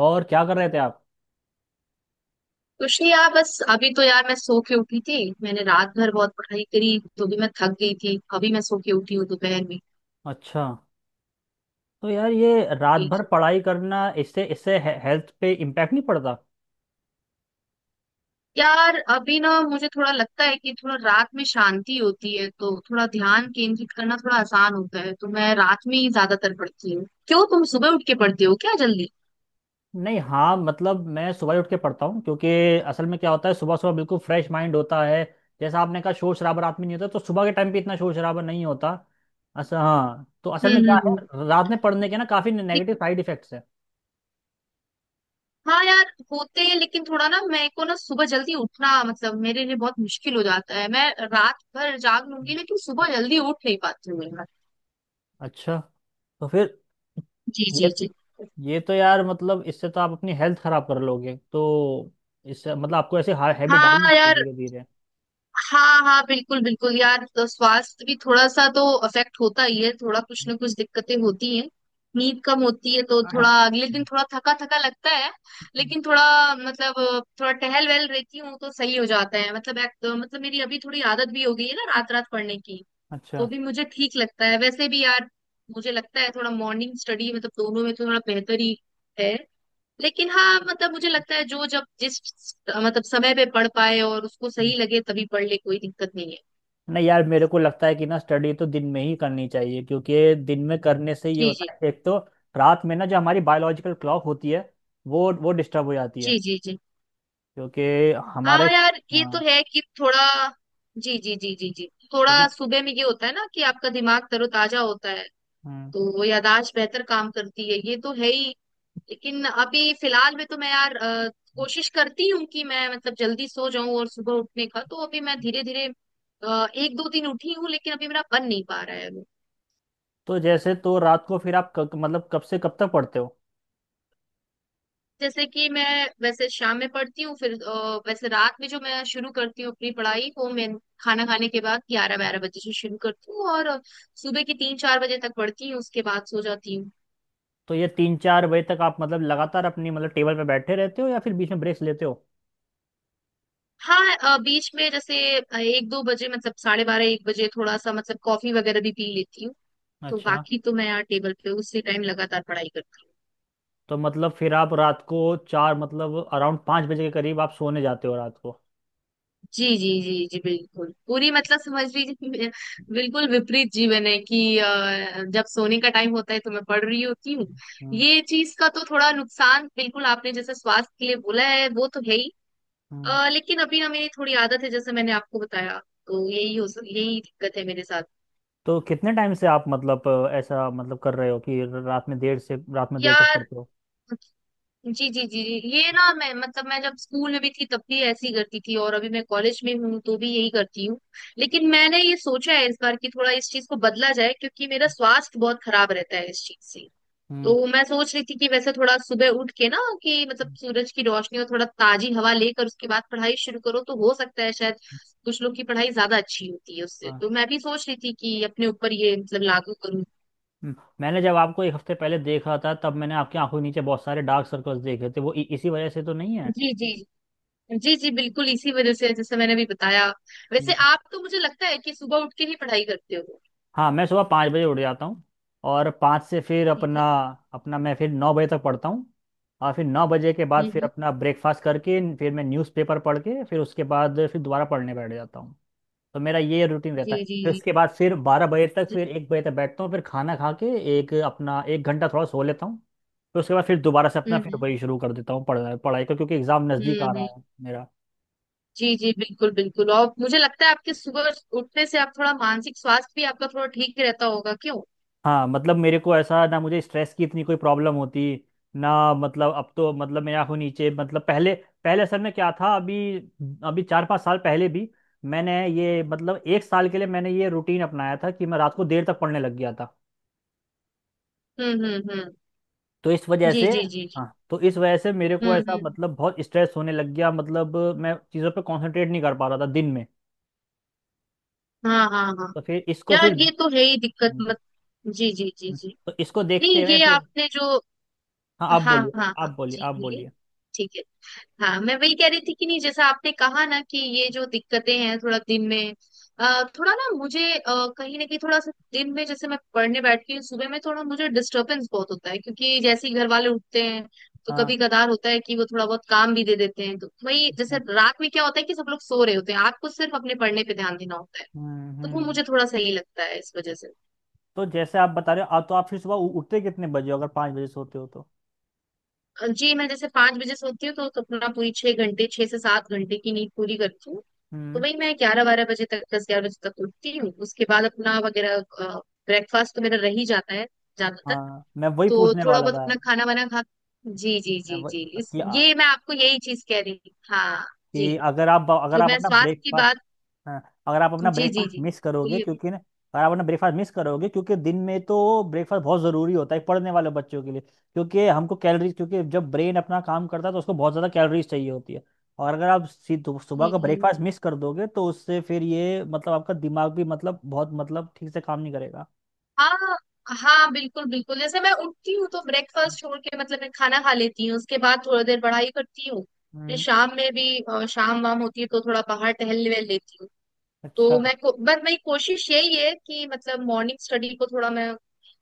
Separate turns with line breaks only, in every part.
और क्या कर रहे थे आप?
कुछ नहीं यार, बस अभी तो यार मैं सो के उठी थी। मैंने रात भर बहुत पढ़ाई करी तो भी मैं थक गई थी। अभी मैं सो के उठी हूँ दोपहर में।
अच्छा। तो यार ये रात भर पढ़ाई करना, इससे इससे हे, हेल्थ पे इम्पैक्ट नहीं पड़ता?
यार अभी ना मुझे थोड़ा लगता है कि थोड़ा रात में शांति होती है तो थोड़ा ध्यान केंद्रित करना थोड़ा आसान होता है, तो मैं रात में ही ज्यादातर पढ़ती हूँ। क्यों, तुम सुबह उठ के पढ़ती हो क्या जल्दी?
नहीं, हाँ, मतलब मैं सुबह ही उठ के पढ़ता हूँ, क्योंकि असल में क्या होता है, सुबह सुबह बिल्कुल फ्रेश माइंड होता है। जैसा आपने कहा, शोर शराबा रात में नहीं होता, तो सुबह के टाइम पे इतना शोर शराबा नहीं होता। अच्छा, हाँ, तो असल
हम्म
में क्या
हम्म हम्म।
है, रात में पढ़ने के ना काफ़ी
दिक-
नेगेटिव साइड इफेक्ट्स हैं।
हाँ यार, होते हैं लेकिन थोड़ा ना मेरे को ना सुबह जल्दी उठना मतलब मेरे लिए बहुत मुश्किल हो जाता है। मैं रात भर जाग लूंगी लेकिन सुबह जल्दी उठ नहीं पाती हूँ।
अच्छा। तो फिर
जी
ये
जी जी।
ये तो यार मतलब, इससे तो आप अपनी हेल्थ खराब कर लोगे, तो इससे मतलब आपको ऐसे हैबिट डालनी
हाँ
चाहिए
यार,
धीरे धीरे।
हाँ हाँ बिल्कुल बिल्कुल यार, तो स्वास्थ्य भी थोड़ा सा तो अफेक्ट होता ही है। थोड़ा कुछ ना कुछ दिक्कतें होती हैं, नींद कम होती है तो
अच्छा।
थोड़ा अगले दिन थोड़ा थका थका लगता है। लेकिन थोड़ा मतलब थोड़ा टहल वहल रहती हूँ तो सही हो जाता है। मतलब मतलब मेरी अभी थोड़ी आदत भी हो गई है ना रात रात पढ़ने की, तो भी मुझे ठीक लगता है वैसे भी यार। मुझे लगता है थोड़ा मॉर्निंग स्टडी मतलब दोनों में तो थोड़ा बेहतर ही है। लेकिन हाँ मतलब मुझे लगता है जो जब जिस मतलब समय पे पढ़ पाए और उसको सही लगे तभी पढ़ ले, कोई दिक्कत नहीं है।
नहीं यार, मेरे को लगता है कि ना, स्टडी तो दिन में ही करनी चाहिए, क्योंकि दिन में करने से ये
जी जी
होता है, एक तो रात में ना जो हमारी बायोलॉजिकल क्लॉक होती है, वो डिस्टर्ब हो जाती है,
जी जी जी।
क्योंकि हमारा
हाँ यार, ये तो
हाँ,
है कि थोड़ा। जी जी जी जी जी।
क्योंकि
थोड़ा सुबह में ये होता है ना कि आपका दिमाग तरोताजा होता है,
हम्म,
तो वो याददाश्त बेहतर काम करती है, ये तो है ही। लेकिन अभी फिलहाल में तो मैं यार कोशिश करती हूँ कि मैं मतलब जल्दी सो जाऊं, और सुबह उठने का तो अभी मैं धीरे धीरे एक दो दिन उठी हूँ लेकिन अभी मेरा बन नहीं पा रहा है।
तो जैसे तो रात को फिर आप मतलब कब से कब तक पढ़ते हो?
जैसे कि मैं वैसे शाम में पढ़ती हूँ, फिर वैसे रात में जो मैं शुरू करती हूँ अपनी पढ़ाई वो मैं खाना खाने के बाद 11-12 बजे से शुरू करती हूँ, और सुबह की 3-4 बजे तक पढ़ती हूँ, उसके बाद सो जाती हूँ।
तो ये 3-4 बजे तक आप मतलब लगातार अपनी मतलब टेबल पे बैठे रहते हो, या फिर बीच में ब्रेक्स लेते हो?
हाँ बीच में जैसे 1-2 बजे मतलब 12:30-1 बजे थोड़ा सा मतलब कॉफी वगैरह भी पी लेती हूँ। तो
अच्छा।
बाकी तो मैं यार टेबल पे उसी टाइम लगातार पढ़ाई करती हूँ।
तो मतलब फिर आप रात को चार, मतलब अराउंड 5 बजे के करीब आप सोने जाते हो रात
जी जी जी जी, बिल्कुल पूरी मतलब समझ लीजिए, बिल्कुल विपरीत जीवन है कि जब सोने का टाइम होता है तो मैं पढ़ रही होती हूँ।
को?
ये चीज का तो थोड़ा नुकसान बिल्कुल आपने जैसे स्वास्थ्य के लिए बोला है, वो तो है ही।
हम्म,
लेकिन अभी ना मेरी थोड़ी आदत है जैसे मैंने आपको बताया, तो यही हो यही दिक्कत है मेरे साथ
तो कितने टाइम से आप मतलब ऐसा मतलब कर रहे हो कि रात में देर तक
यार।
पढ़ते हो?
जी जी जी जी। ये ना मैं मतलब मैं जब स्कूल में भी थी तब भी ऐसे ही करती थी, और अभी मैं कॉलेज में हूँ तो भी यही करती हूँ। लेकिन मैंने ये सोचा है इस बार कि थोड़ा इस चीज को बदला जाए क्योंकि मेरा स्वास्थ्य बहुत खराब रहता है इस चीज से।
हम्म,
तो मैं सोच रही थी कि वैसे थोड़ा सुबह उठ के ना, कि मतलब
हम्म,
सूरज की रोशनी और थोड़ा ताजी हवा लेकर उसके बाद पढ़ाई शुरू करो तो हो सकता है शायद कुछ लोग की पढ़ाई ज्यादा अच्छी होती है उससे,
हाँ,
तो मैं भी सोच रही थी कि अपने ऊपर ये मतलब लागू करूँ।
हम्म। मैंने जब आपको एक हफ्ते पहले देखा था, तब मैंने आपकी आंखों के नीचे बहुत सारे डार्क सर्कल्स देखे थे, वो इसी वजह से तो नहीं
जी जी। जी जी बिल्कुल इसी वजह से जैसे मैंने अभी बताया।
है?
वैसे आप तो मुझे लगता है कि सुबह उठ के ही पढ़ाई करते हो।
हाँ, मैं सुबह 5 बजे उठ जाता हूँ। और पाँच से फिर
जी
अपना
जी।
अपना मैं फिर 9 बजे तक पढ़ता हूँ। और फिर 9 बजे के बाद फिर
हम्म।
अपना ब्रेकफास्ट करके फिर मैं न्यूज़पेपर पढ़ के फिर उसके बाद फिर दोबारा पढ़ने बैठ जाता हूँ। तो मेरा ये रूटीन रहता
जी
है।
जी
फिर उसके बाद फिर 12 बजे तक,
जी।
फिर 1 बजे तक बैठता हूँ, फिर खाना खा के एक अपना एक घंटा थोड़ा सो लेता हूँ। फिर उसके बाद फिर दोबारा से अपना फिर
हम्म
वही शुरू कर देता हूँ पढ़ाई, पढ़ाई को, क्योंकि एग्ज़ाम नज़दीक आ रहा
हम्म।
है मेरा।
जी जी, बिल्कुल बिल्कुल, और मुझे लगता है आपके सुबह उठने से आप थोड़ा मानसिक स्वास्थ्य भी आपका थोड़ा ठीक रहता होगा क्यों?
हाँ मतलब मेरे को ऐसा ना, मुझे स्ट्रेस की इतनी कोई प्रॉब्लम होती ना। मतलब अब तो मतलब मैं आँखों नीचे मतलब पहले, पहले असल में क्या था। अभी, अभी 4-5 साल पहले भी मैंने ये मतलब एक साल के लिए मैंने ये रूटीन अपनाया था कि मैं रात को देर तक पढ़ने लग गया था।
हम्म।
तो इस वजह
जी
से
जी जी जी।
हाँ, तो इस वजह से मेरे को ऐसा
हम्म।
मतलब बहुत स्ट्रेस होने लग गया, मतलब मैं चीज़ों पे कंसंट्रेट नहीं कर पा रहा था दिन में।
हाँ हाँ हाँ।
तो फिर इसको
यार
फिर
ये तो है ही दिक्कत मत। जी जी जी जी।
तो इसको देखते
नहीं
हुए
ये
फिर,
आपने जो।
हाँ, आप
हाँ
बोलिए,
हाँ हाँ
आप बोलिए,
जी
आप
बोलिए।
बोलिए।
ठीक है, हाँ मैं वही कह रही थी कि नहीं जैसा आपने कहा ना कि ये जो दिक्कतें हैं थोड़ा दिन में, थोड़ा ना मुझे कहीं ना कहीं थोड़ा सा दिन में जैसे मैं पढ़ने बैठती हूँ सुबह में थोड़ा मुझे डिस्टरबेंस बहुत होता है क्योंकि जैसे ही घर वाले उठते हैं तो
हाँ,
कभी कदार होता है कि वो थोड़ा बहुत काम भी दे देते हैं। तो
हाँ,
वही जैसे
हाँ,
रात में क्या होता है कि सब लोग सो रहे होते हैं, आपको सिर्फ अपने पढ़ने पे ध्यान देना होता है,
हम्म,
तो वो
हम्म।
मुझे थोड़ा सही लगता है इस वजह से।
तो जैसे आप बता रहे हो, आप फिर सुबह उठते कितने बजे हो अगर 5 बजे सोते हो तो?
जी, मैं जैसे 5 बजे सोती हूँ तो अपना पूरी 6 घंटे 6 से 7 घंटे की नींद पूरी करती हूँ, तो
हम्म।
वही मैं 11-12 बजे तक 10-11 बजे तक उठती हूँ, उसके बाद अपना वगैरह ब्रेकफास्ट तो मेरा रह ही जाता है ज्यादातर,
हाँ मैं वही
तो
पूछने
थोड़ा
वाला
बहुत
था।
अपना खाना वाना खा। जी जी
मैं
जी जी,
वही
इस
कि, आ,
ये मैं आपको यही चीज कह रही थी हाँ। जी,
कि अगर आप अगर
जो
आप
मैं
अपना
स्वास्थ्य की
ब्रेकफास्ट,
बात।
हाँ, अगर आप अपना
जी जी
ब्रेकफास्ट
जी
मिस करोगे
बोलिए।
क्योंकि ना अगर आप अपना ब्रेकफास्ट मिस करोगे, क्योंकि दिन में तो ब्रेकफास्ट बहुत ज़रूरी होता है पढ़ने वाले बच्चों के लिए, क्योंकि हमको कैलोरीज, क्योंकि जब ब्रेन अपना काम करता है तो उसको बहुत ज़्यादा कैलोरीज चाहिए होती है। और अगर आप सुबह
जी
का
जी।
ब्रेकफास्ट मिस कर दोगे, तो उससे फिर ये मतलब आपका दिमाग भी मतलब बहुत मतलब ठीक से काम नहीं करेगा।
हाँ हाँ बिल्कुल बिल्कुल, जैसे मैं उठती हूँ तो ब्रेकफास्ट छोड़ के मतलब मैं खाना खा लेती हूँ, उसके बाद थोड़ी देर पढ़ाई करती हूँ। फिर
हम्म।
शाम में भी शाम वाम होती है तो थोड़ा बाहर टहल वहल लेती हूँ।
अच्छा।
तो मैं बस मेरी कोशिश यही है कि मतलब मॉर्निंग स्टडी को थोड़ा मैं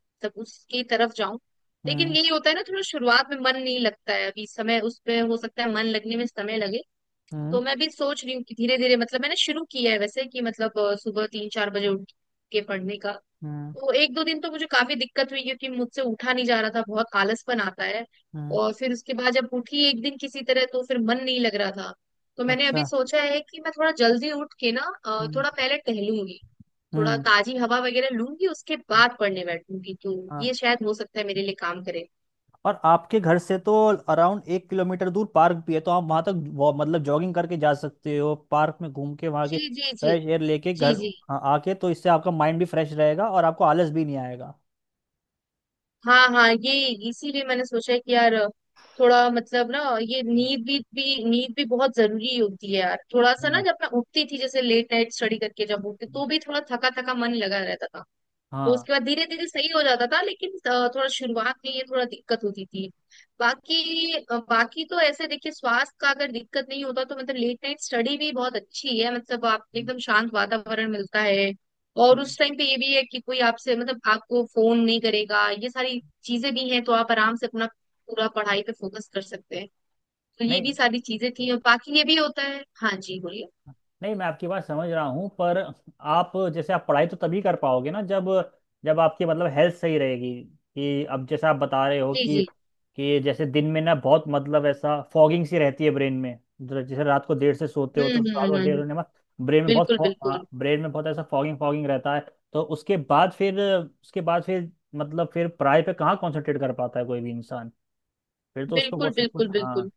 मतलब उसकी तरफ जाऊं। लेकिन
हम्म,
यही होता है ना थोड़ा शुरुआत में मन नहीं लगता है, अभी समय उस पे हो सकता है मन लगने में समय लगे।
हम्म,
तो मैं भी सोच रही हूँ कि धीरे धीरे मतलब मैंने शुरू किया है वैसे कि मतलब सुबह 3-4 बजे उठ के पढ़ने का।
हम्म,
तो 1-2 दिन तो मुझे काफी दिक्कत हुई क्योंकि मुझसे उठा नहीं जा रहा था, बहुत आलसपन आता है।
हम्म।
और फिर उसके बाद जब उठी एक दिन किसी तरह तो फिर मन नहीं लग रहा था। तो मैंने अभी
अच्छा।
सोचा है कि मैं थोड़ा जल्दी उठ के ना
हम्म,
थोड़ा पहले टहलूंगी, थोड़ा
हम्म,
ताजी हवा वगैरह लूंगी, उसके बाद पढ़ने बैठूंगी तो
हाँ।
ये शायद हो सकता है मेरे लिए काम करे।
और आपके घर से तो अराउंड 1 किलोमीटर दूर पार्क भी है, तो आप वहां तक मतलब जॉगिंग करके जा सकते हो, पार्क में घूम के वहां के
जी जी जी
फ्रेश एयर लेके
जी
घर,
जी।
हाँ, आके। तो इससे आपका माइंड भी फ्रेश रहेगा और आपको आलस भी नहीं आएगा।
हाँ हाँ ये, इसीलिए मैंने सोचा कि यार थोड़ा मतलब ना ये
हम्म,
नींद भी नींद भी बहुत जरूरी होती है यार। थोड़ा सा ना
हाँ,
जब मैं उठती थी जैसे लेट नाइट स्टडी करके जब उठती
हम्म,
तो भी थोड़ा थका थका मन लगा रहता था। तो
हाँ,
उसके बाद धीरे धीरे सही हो जाता था लेकिन थोड़ा शुरुआत में ये थोड़ा दिक्कत होती थी। बाकी बाकी तो ऐसे देखिए स्वास्थ्य का अगर दिक्कत नहीं होता तो मतलब लेट नाइट स्टडी भी बहुत अच्छी है, मतलब आप
हम्म,
एकदम शांत वातावरण मिलता है, और
हम्म।
उस टाइम पे ये भी है कि कोई आपसे मतलब आपको फोन नहीं करेगा, ये सारी चीजें भी हैं, तो आप आराम से अपना पूरा पढ़ाई पे फोकस कर सकते हैं। तो ये
नहीं
भी सारी चीजें थी और बाकी ये भी होता है। हाँ जी बोलिए।
नहीं, मैं आपकी बात समझ रहा हूँ, पर आप जैसे आप पढ़ाई तो तभी कर पाओगे ना, जब जब आपकी मतलब हेल्थ सही रहेगी। कि अब जैसे आप बता रहे हो
जी
कि
जी।
जैसे दिन में ना बहुत मतलब ऐसा फॉगिंग सी रहती है ब्रेन में, जैसे रात को देर से सोते हो,
हम्म
तो
हम्म
रात
हम्म
को देर
हम्म,
होने के बाद ब्रेन में बहुत
बिल्कुल बिल्कुल
ब्रेन में बहुत ऐसा फॉगिंग फॉगिंग रहता है। तो उसके बाद फिर मतलब फिर पढ़ाई पे कहाँ कंसंट्रेट कर पाता है कोई भी इंसान। फिर तो उसको वो
बिल्कुल
सब कुछ,
बिल्कुल
हाँ।
बिल्कुल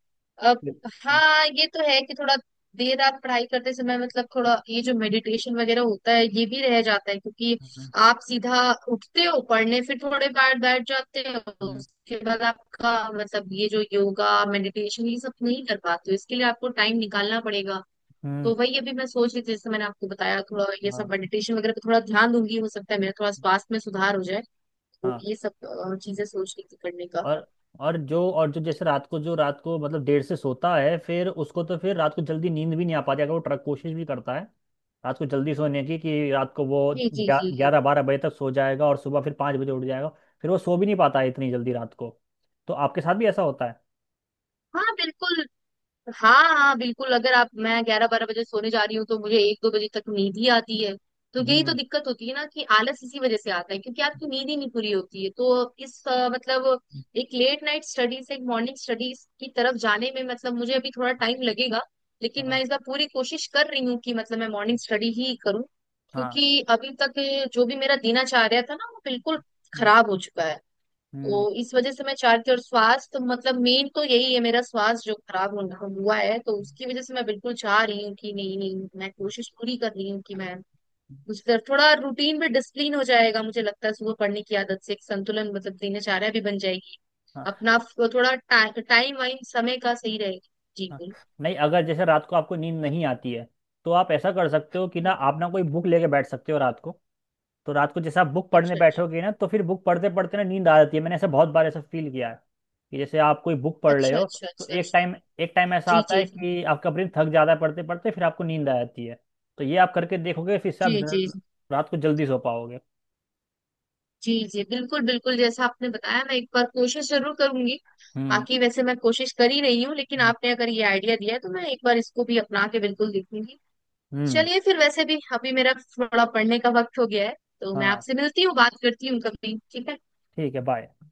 अब।
हम्म,
हाँ ये तो है कि थोड़ा देर रात पढ़ाई करते समय मतलब थोड़ा ये जो मेडिटेशन वगैरह होता है ये भी रह जाता है, क्योंकि
हम्म,
आप सीधा उठते हो पढ़ने फिर थोड़े बार बैठ जाते हो,
हम्म,
उसके बाद आपका मतलब ये जो योगा मेडिटेशन ये सब नहीं कर पाते हो, इसके लिए आपको टाइम निकालना पड़ेगा।
हम्म,
तो वही अभी मैं सोच रही थी जैसे मैंने आपको बताया, थोड़ा ये
हाँ,
सब मेडिटेशन वगैरह पे थोड़ा ध्यान दूंगी, हो सकता है मेरा थोड़ा स्वास्थ्य में सुधार हो जाए, तो
हाँ।
ये सब चीजें सोच रही थी करने का।
और और जो जैसे रात को जो रात को मतलब देर से सोता है, फिर उसको तो फिर रात को जल्दी नींद भी नहीं आ पाती, अगर वो ट्रक कोशिश भी करता है रात को जल्दी सोने की। कि रात को वो
जी जी जी जी।
11-12 बजे तक सो जाएगा और सुबह फिर 5 बजे उठ जाएगा, फिर वो सो भी नहीं पाता है इतनी जल्दी रात को। तो आपके साथ भी ऐसा होता है?
हाँ बिल्कुल, हाँ हाँ बिल्कुल, अगर आप मैं 11-12 बजे सोने जा रही हूँ तो मुझे 1-2 बजे तक नींद ही आती है। तो यही तो
हम्म,
दिक्कत होती है ना कि आलस इसी वजह से आता है क्योंकि आपकी नींद ही नहीं पूरी होती है, तो इस मतलब एक लेट नाइट स्टडी से एक मॉर्निंग स्टडीज की तरफ जाने में मतलब मुझे अभी थोड़ा टाइम लगेगा। लेकिन
हाँ,
मैं इस बार पूरी कोशिश कर रही हूँ कि मतलब मैं मॉर्निंग स्टडी ही करूँ।
हाँ,
क्योंकि अभी तक जो भी मेरा दिनचर्या था ना वो बिल्कुल खराब हो चुका है, तो
हम्म,
इस वजह से मैं चाहती हूँ, और स्वास्थ्य मतलब मेन तो यही है, मेरा स्वास्थ्य जो खराब हुआ है, तो उसकी वजह से मैं बिल्कुल चाह रही हूँ कि नहीं नहीं मैं कोशिश पूरी कर रही हूँ कि मैं उस तरफ थोड़ा रूटीन में डिसिप्लिन हो जाएगा, मुझे लगता है सुबह पढ़ने की आदत से एक संतुलन मतलब दिनचर्या भी बन जाएगी, अपना थोड़ा टाइम वाइम समय का सही रहेगा। जी
हाँ।
बिल्कुल।
नहीं, अगर जैसे रात को आपको नींद नहीं आती है, तो आप ऐसा कर सकते हो कि ना, आप ना कोई बुक लेके बैठ सकते हो रात को। तो रात को जैसे आप बुक पढ़ने
अच्छा अच्छा
बैठोगे ना, तो फिर बुक पढ़ते पढ़ते ना नींद आ जाती है। मैंने ऐसा बहुत बार ऐसा फील किया है कि जैसे आप कोई बुक पढ़ रहे
अच्छा
हो,
अच्छा।
तो
अच्छा
एक
अच्छा।
टाइम एक टाइम ऐसा
जी
आता
जी।
है कि आपका ब्रेन थक जाता है पढ़ते पढ़ते, फिर आपको नींद आ जाती है। तो ये आप करके देखोगे, फिर से आप
जी जी।
रात को जल्दी सो पाओगे।
जी जी, बिल्कुल बिल्कुल, जैसा आपने बताया मैं एक बार कोशिश जरूर करूंगी।
हम्म,
बाकी वैसे मैं कोशिश कर ही रही हूँ, लेकिन
हम्म,
आपने अगर ये आइडिया दिया है तो मैं एक बार इसको भी अपना के बिल्कुल देखूंगी।
हम्म,
चलिए फिर वैसे भी अभी मेरा थोड़ा पढ़ने का वक्त हो गया है, तो मैं
हाँ।
आपसे मिलती हूँ, बात करती हूँ कभी, ठीक है।
ठीक है। बाय।